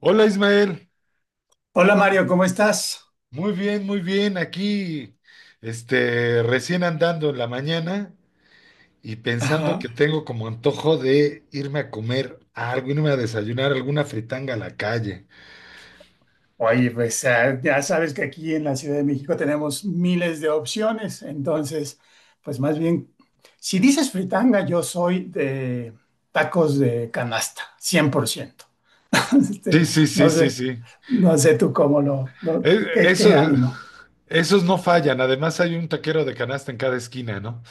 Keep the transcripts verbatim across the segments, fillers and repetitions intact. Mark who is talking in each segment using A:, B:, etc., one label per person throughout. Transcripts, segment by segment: A: Hola, Ismael.
B: Hola Mario, ¿cómo estás?
A: Muy bien, muy bien. Aquí, este, recién andando en la mañana y pensando
B: Ajá.
A: que tengo como antojo de irme a comer algo, irme a desayunar alguna fritanga a la calle.
B: Oye, pues ah, ya sabes que aquí en la Ciudad de México tenemos miles de opciones, entonces, pues más bien, si dices fritanga, yo soy de tacos de canasta, cien por ciento. Este,
A: Sí, sí, sí,
B: no
A: sí,
B: sé,
A: sí.
B: no sé tú cómo lo, lo-
A: E-
B: qué,
A: eso,
B: qué ánimo.
A: Esos no fallan. Además hay un taquero de canasta en cada esquina, ¿no?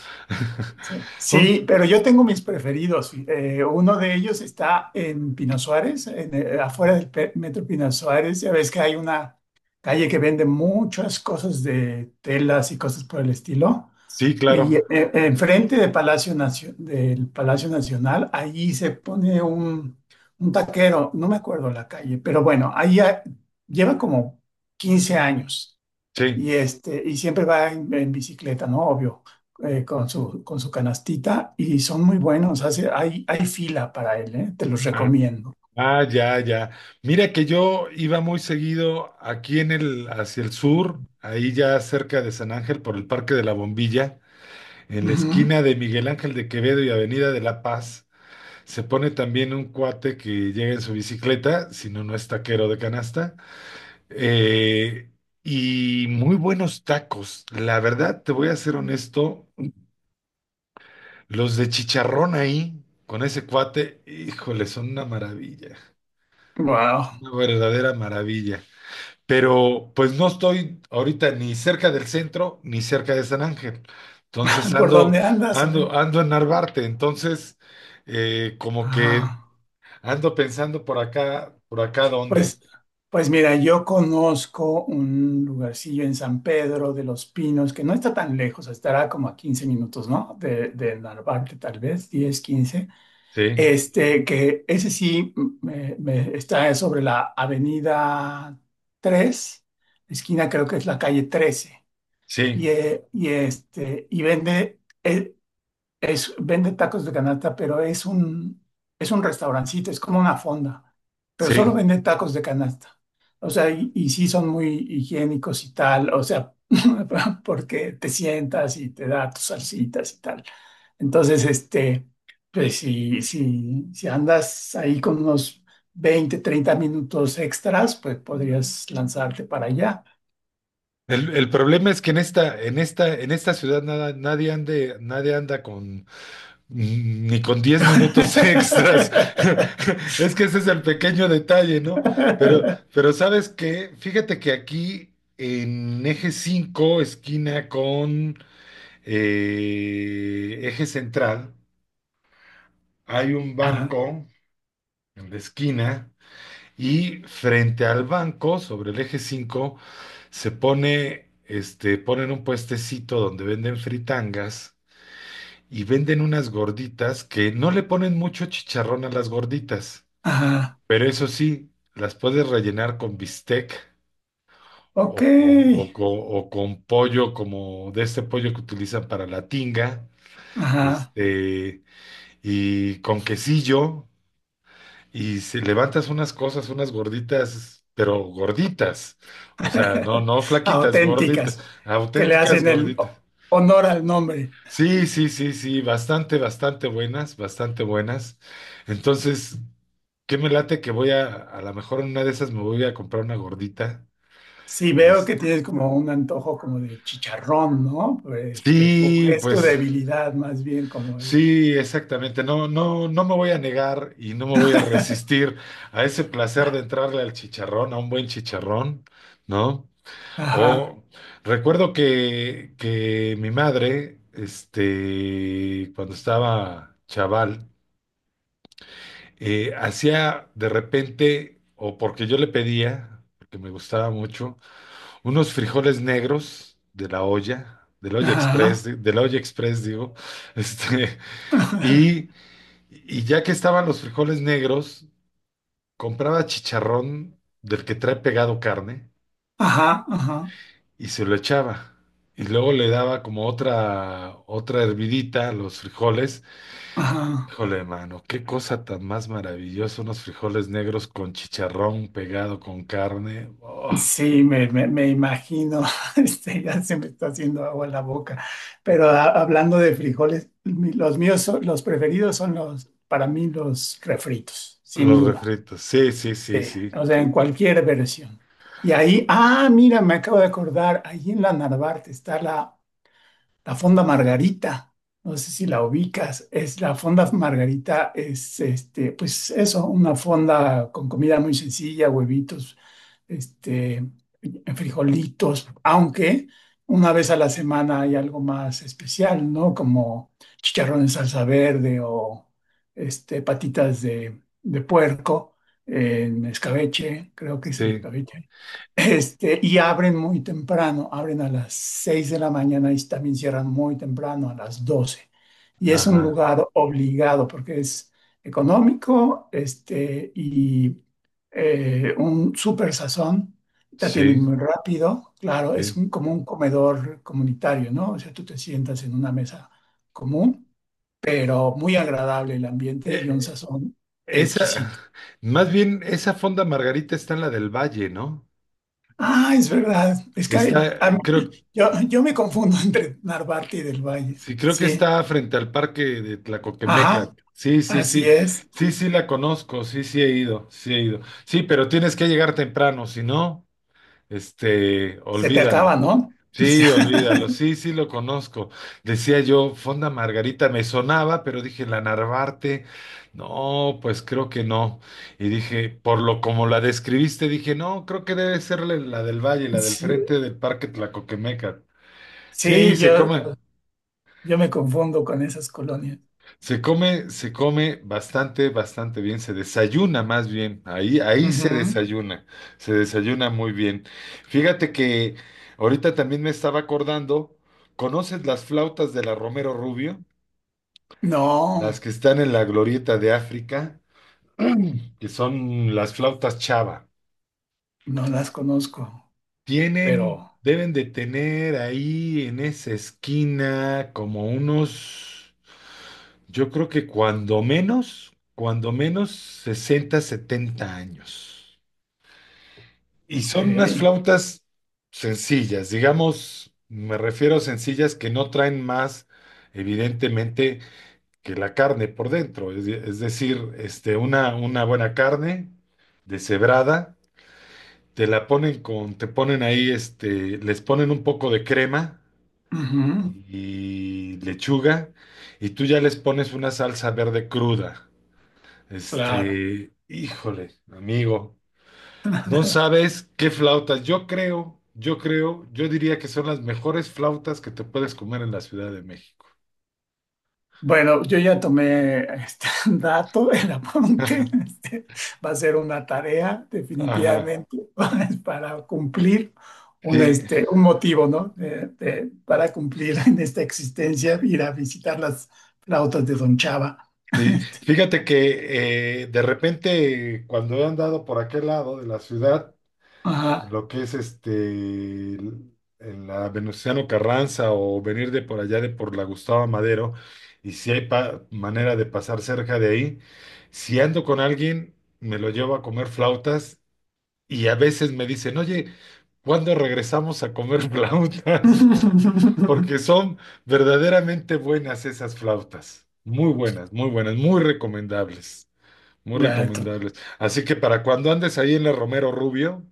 B: Sí,
A: Un-
B: Sí, pero yo tengo mis preferidos. Eh, uno de ellos está en Pino Suárez, en, eh, afuera del pe- Metro Pino Suárez. Ya ves que hay una calle que vende muchas cosas de telas y cosas por el estilo.
A: sí,
B: Eh, Y
A: claro.
B: eh, Enfrente de Palacio Nacio- del Palacio Nacional, ahí se pone un, un taquero, no me acuerdo la calle, pero bueno, ahí ha- lleva como quince años
A: Sí.
B: y, este, y siempre va en, en bicicleta, ¿no? Obvio, eh, con su, con su canastita y son muy buenos. Hace, hay, hay fila para él, ¿eh? Te los
A: Ah.
B: recomiendo.
A: Ah, ya, ya. Mira que yo iba muy seguido aquí en el, hacia el sur, ahí ya cerca de San Ángel por el Parque de la Bombilla, en la esquina de Miguel Ángel de Quevedo y Avenida de La Paz. Se pone también un cuate que llega en su bicicleta, si no, no es taquero de canasta, eh, y muy buenos tacos. La verdad, te voy a ser honesto, los de chicharrón ahí, con ese cuate, híjole, son una maravilla,
B: Wow.
A: una verdadera maravilla. Pero pues no estoy ahorita ni cerca del centro ni cerca de San Ángel. Entonces
B: ¿Por
A: ando,
B: dónde andas? A ver.
A: ando, ando en Narvarte. Entonces, eh, como que
B: Ah,
A: ando pensando por acá, por acá dónde.
B: pues, pues mira, yo conozco un lugarcillo en San Pedro de los Pinos que no está tan lejos, estará como a quince minutos, ¿no? De, de Narvarte, tal vez, diez quince.
A: Sí,
B: Este, que ese sí mm, me- me- está sobre la Avenida tres esquina creo que es la calle trece y,
A: sí,
B: eh, y, este, y vende, e- es, vende tacos de canasta, pero es un, es un restaurancito, es como una fonda, pero solo
A: sí.
B: vende tacos de canasta. O sea, y, y sí son muy higiénicos y tal, o sea, porque te sientas y te da tus salsitas y tal. Entonces, este, pues si, si, si andas ahí con unos veinte treinta minutos extras, pues podrías lanzarte para allá.
A: El, el problema es que en esta, en esta, en esta ciudad nada, nadie ande, nadie anda con Ni con diez minutos extras. Es que ese es el pequeño detalle, ¿no? Pero, pero ¿sabes qué? Fíjate que aquí en Eje cinco esquina con eh, Eje Central, hay un
B: Ajá,
A: banco en la esquina, y frente al banco, sobre el Eje cinco se pone, este, ponen un puestecito donde venden fritangas y venden unas gorditas que no le ponen mucho chicharrón a las gorditas.
B: ajá,
A: Pero eso sí, las puedes rellenar con bistec o con,
B: ok.
A: o con, o con pollo, como de este pollo que utilizan para la tinga,
B: Ajá.
A: este, y con quesillo. Y se levantas unas cosas, unas gorditas, pero gorditas, o sea, no, no flaquitas, gorditas,
B: Auténticas, que le
A: auténticas
B: hacen el
A: gorditas.
B: ho- honor al nombre.
A: Sí, sí, sí, sí, bastante, bastante buenas, bastante buenas. Entonces, ¿qué me late que voy a, a lo mejor en una de esas me voy a comprar una gordita?
B: Si veo
A: Es-
B: que tienes como un antojo como de chicharrón, ¿no? Pues, este, o
A: sí,
B: es tu
A: pues
B: debilidad más bien como el...
A: sí, exactamente. No, no, no me voy a negar y no me voy a resistir a ese placer de entrarle al chicharrón, a un buen chicharrón, ¿no?
B: Ajá,
A: O recuerdo que, que mi madre, este, cuando estaba chaval, eh, hacía de repente, o porque yo le pedía, porque me gustaba mucho, unos frijoles negros de la olla, del olla express,
B: ajá,
A: de, de la olla express, digo, este, y, y ya que estaban los frijoles negros, compraba chicharrón del que trae pegado carne
B: ajá, ajá,
A: y se lo echaba. Y luego le daba como otra, otra hervidita a los frijoles.
B: ajá.
A: Híjole, mano, qué cosa tan más maravillosa, unos frijoles negros con chicharrón pegado con carne. Oh,
B: Sí, me, me, me imagino, este, ya se me está haciendo agua en la boca. Pero a-
A: ah,
B: hablando de frijoles, mi- los míos, son- los preferidos son los, para mí, los refritos, sin
A: los
B: duda.
A: refritos. Sí, sí, sí,
B: Sí,
A: sí.
B: o sea, en cualquier versión. Y ahí, ah, mira, me acabo de acordar, ahí en la Narvarte está la, la Fonda Margarita. No sé si la ubicas. Es la Fonda Margarita, es este, pues eso, una fonda con comida muy sencilla, huevitos, este, frijolitos, aunque una vez a la semana hay algo más especial, ¿no? Como chicharrón en salsa verde o este, patitas de, de puerco en escabeche, creo que es en
A: Sí,
B: escabeche. Este, y abren muy temprano, abren a las seis de la mañana y también cierran muy temprano, a las doce. Y es un
A: ajá.
B: lugar obligado porque es económico, este, y eh, un súper sazón, te
A: Sí,
B: atienden muy rápido, claro, es
A: sí.
B: un, como un comedor comunitario, ¿no? O sea, tú te sientas en una mesa común, pero muy agradable el ambiente y
A: Eh,
B: un sazón exquisito.
A: esa, Más bien, esa Fonda Margarita está en la Del Valle, ¿no?
B: Ah, es verdad, es que hay-
A: Está,
B: a mí-
A: creo,
B: yo, yo me confundo entre Narvarte y del Valle,
A: sí, creo que
B: sí,
A: está frente al parque de Tlacoquemeca.
B: ajá,
A: Sí, sí,
B: así
A: sí.
B: es,
A: Sí, sí, la conozco, sí, sí he ido, sí he ido. Sí, pero tienes que llegar temprano, si no. Este,
B: se te acaba,
A: olvídalo.
B: ¿no? O sea,
A: Sí, olvídalo. Sí, sí lo conozco. Decía yo, Fonda Margarita me sonaba, pero dije la Narvarte. No, pues creo que no. Y dije, por lo como la describiste, dije, no, creo que debe ser la la Del Valle, la del
B: sí,
A: frente del Parque Tlacoquemeca. Sí,
B: sí,
A: se
B: yo,
A: come.
B: yo me confundo con esas colonias.
A: Se come, se come bastante, bastante bien, se desayuna más bien, ahí, ahí se
B: Ujú.
A: desayuna, se desayuna muy bien. Fíjate que ahorita también me estaba acordando, ¿conoces las flautas de la Romero Rubio?
B: No.
A: Las que están en la glorieta de África, que son las flautas Chava.
B: No las conozco,
A: Tienen,
B: pero
A: deben de tener ahí en esa esquina como unos, yo creo que cuando menos, cuando menos sesenta, setenta años. Y
B: ok.
A: son unas flautas sencillas, digamos, me refiero a sencillas que no traen más, evidentemente, que la carne por dentro. Es, de- es decir, este, una, una buena carne deshebrada, te la ponen con, te ponen ahí, este, les ponen un poco de crema
B: Ujú,
A: y lechuga, y tú ya les pones una salsa verde cruda.
B: claro.
A: Este, híjole, amigo, no sabes qué flautas. Yo creo, yo creo, yo diría que son las mejores flautas que te puedes comer en la Ciudad de México.
B: Bueno, yo ya tomé este dato, el apunte. Este, va a ser una tarea,
A: Ajá,
B: definitivamente, para cumplir un,
A: sí,
B: este, un motivo, ¿no? De- de- para cumplir en esta existencia, ir a visitar las flautas de Don Chava.
A: sí.
B: Este,
A: Fíjate que eh, de repente cuando he andado por aquel lado de la ciudad, en
B: ajá.
A: lo que es este, el- en la Venustiano Carranza, o venir de por allá de por la Gustavo Madero, y si hay pa- manera de pasar cerca de ahí, si ando con alguien, me lo llevo a comer flautas, y a veces me dicen, oye, ¿cuándo regresamos a comer flautas? Porque son verdaderamente buenas esas flautas, muy buenas, muy buenas, muy recomendables. Muy
B: Dato.
A: recomendables. Así que para cuando andes ahí en la Romero Rubio,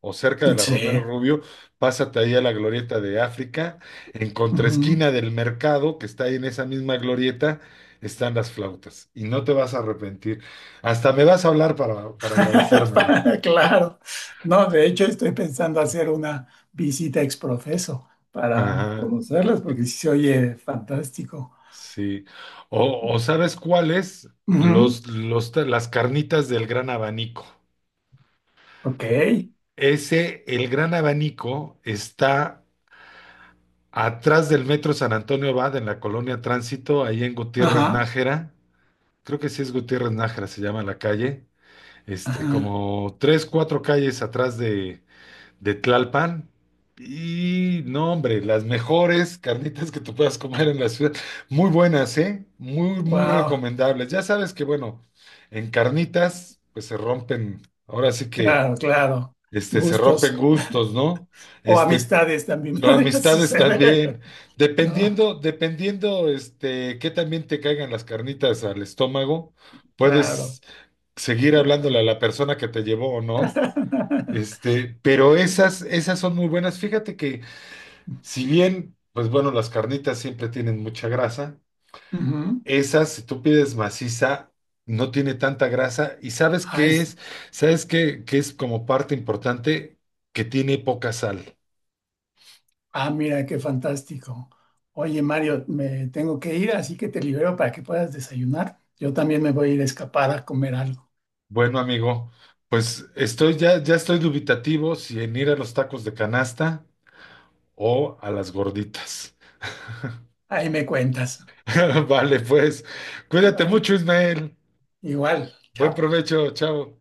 A: o cerca de la Romero
B: Sí.
A: Rubio, pásate ahí a la glorieta de África, en
B: Ujú.
A: contraesquina del mercado, que está ahí en esa misma glorieta, están las flautas, y no te vas a arrepentir. Hasta me vas a hablar para, para agradecérmelo.
B: Claro, no, de hecho estoy pensando hacer una visita ex profeso para
A: Ajá,
B: conocerlas porque sí se oye fantástico.
A: sí. O, o ¿sabes cuáles?
B: Ujú,
A: Los, los, las carnitas del Gran Abanico.
B: Ok,
A: Ese, el Gran Abanico está atrás del Metro San Antonio Abad, en la colonia Tránsito, ahí en Gutiérrez
B: ajá,
A: Nájera. Creo que sí es Gutiérrez Nájera, se llama la calle, este,
B: ajá,
A: como tres, cuatro calles atrás de, de Tlalpan. Y no, hombre, las mejores carnitas que tú puedas comer en la ciudad, muy buenas, ¿eh? Muy, muy
B: wow,
A: recomendables. Ya sabes que, bueno, en carnitas pues se rompen, ahora sí que,
B: claro, claro,
A: este, se
B: gustos
A: rompen gustos, ¿no?
B: o
A: Este,
B: amistades también
A: pero
B: podría
A: amistades también,
B: suceder, ¿no?
A: dependiendo, dependiendo, este, que también te caigan las carnitas al estómago,
B: Claro.
A: puedes seguir hablándole
B: Ajá.
A: a la persona que te llevó o no. Este, pero esas, esas son muy buenas. Fíjate que si bien, pues bueno, las carnitas siempre tienen mucha grasa,
B: Ujú.
A: esas, si tú pides maciza, no tiene tanta grasa. ¿Y sabes
B: Ah,
A: qué
B: es-
A: es? ¿Sabes qué, qué, es como parte importante? Que tiene poca sal.
B: Ah, mira, qué fantástico. Oye, Mario, me tengo que ir, así que te libero para que puedas desayunar. Yo también me voy a ir a escapar a comer algo.
A: Bueno, amigo, pues estoy ya, ya estoy dubitativo si en ir a los tacos de canasta o a las gorditas.
B: Ahí me cuentas.
A: Vale, pues, cuídate
B: Bye.
A: mucho, Ismael.
B: Igual,
A: Buen
B: chao.
A: provecho, chao.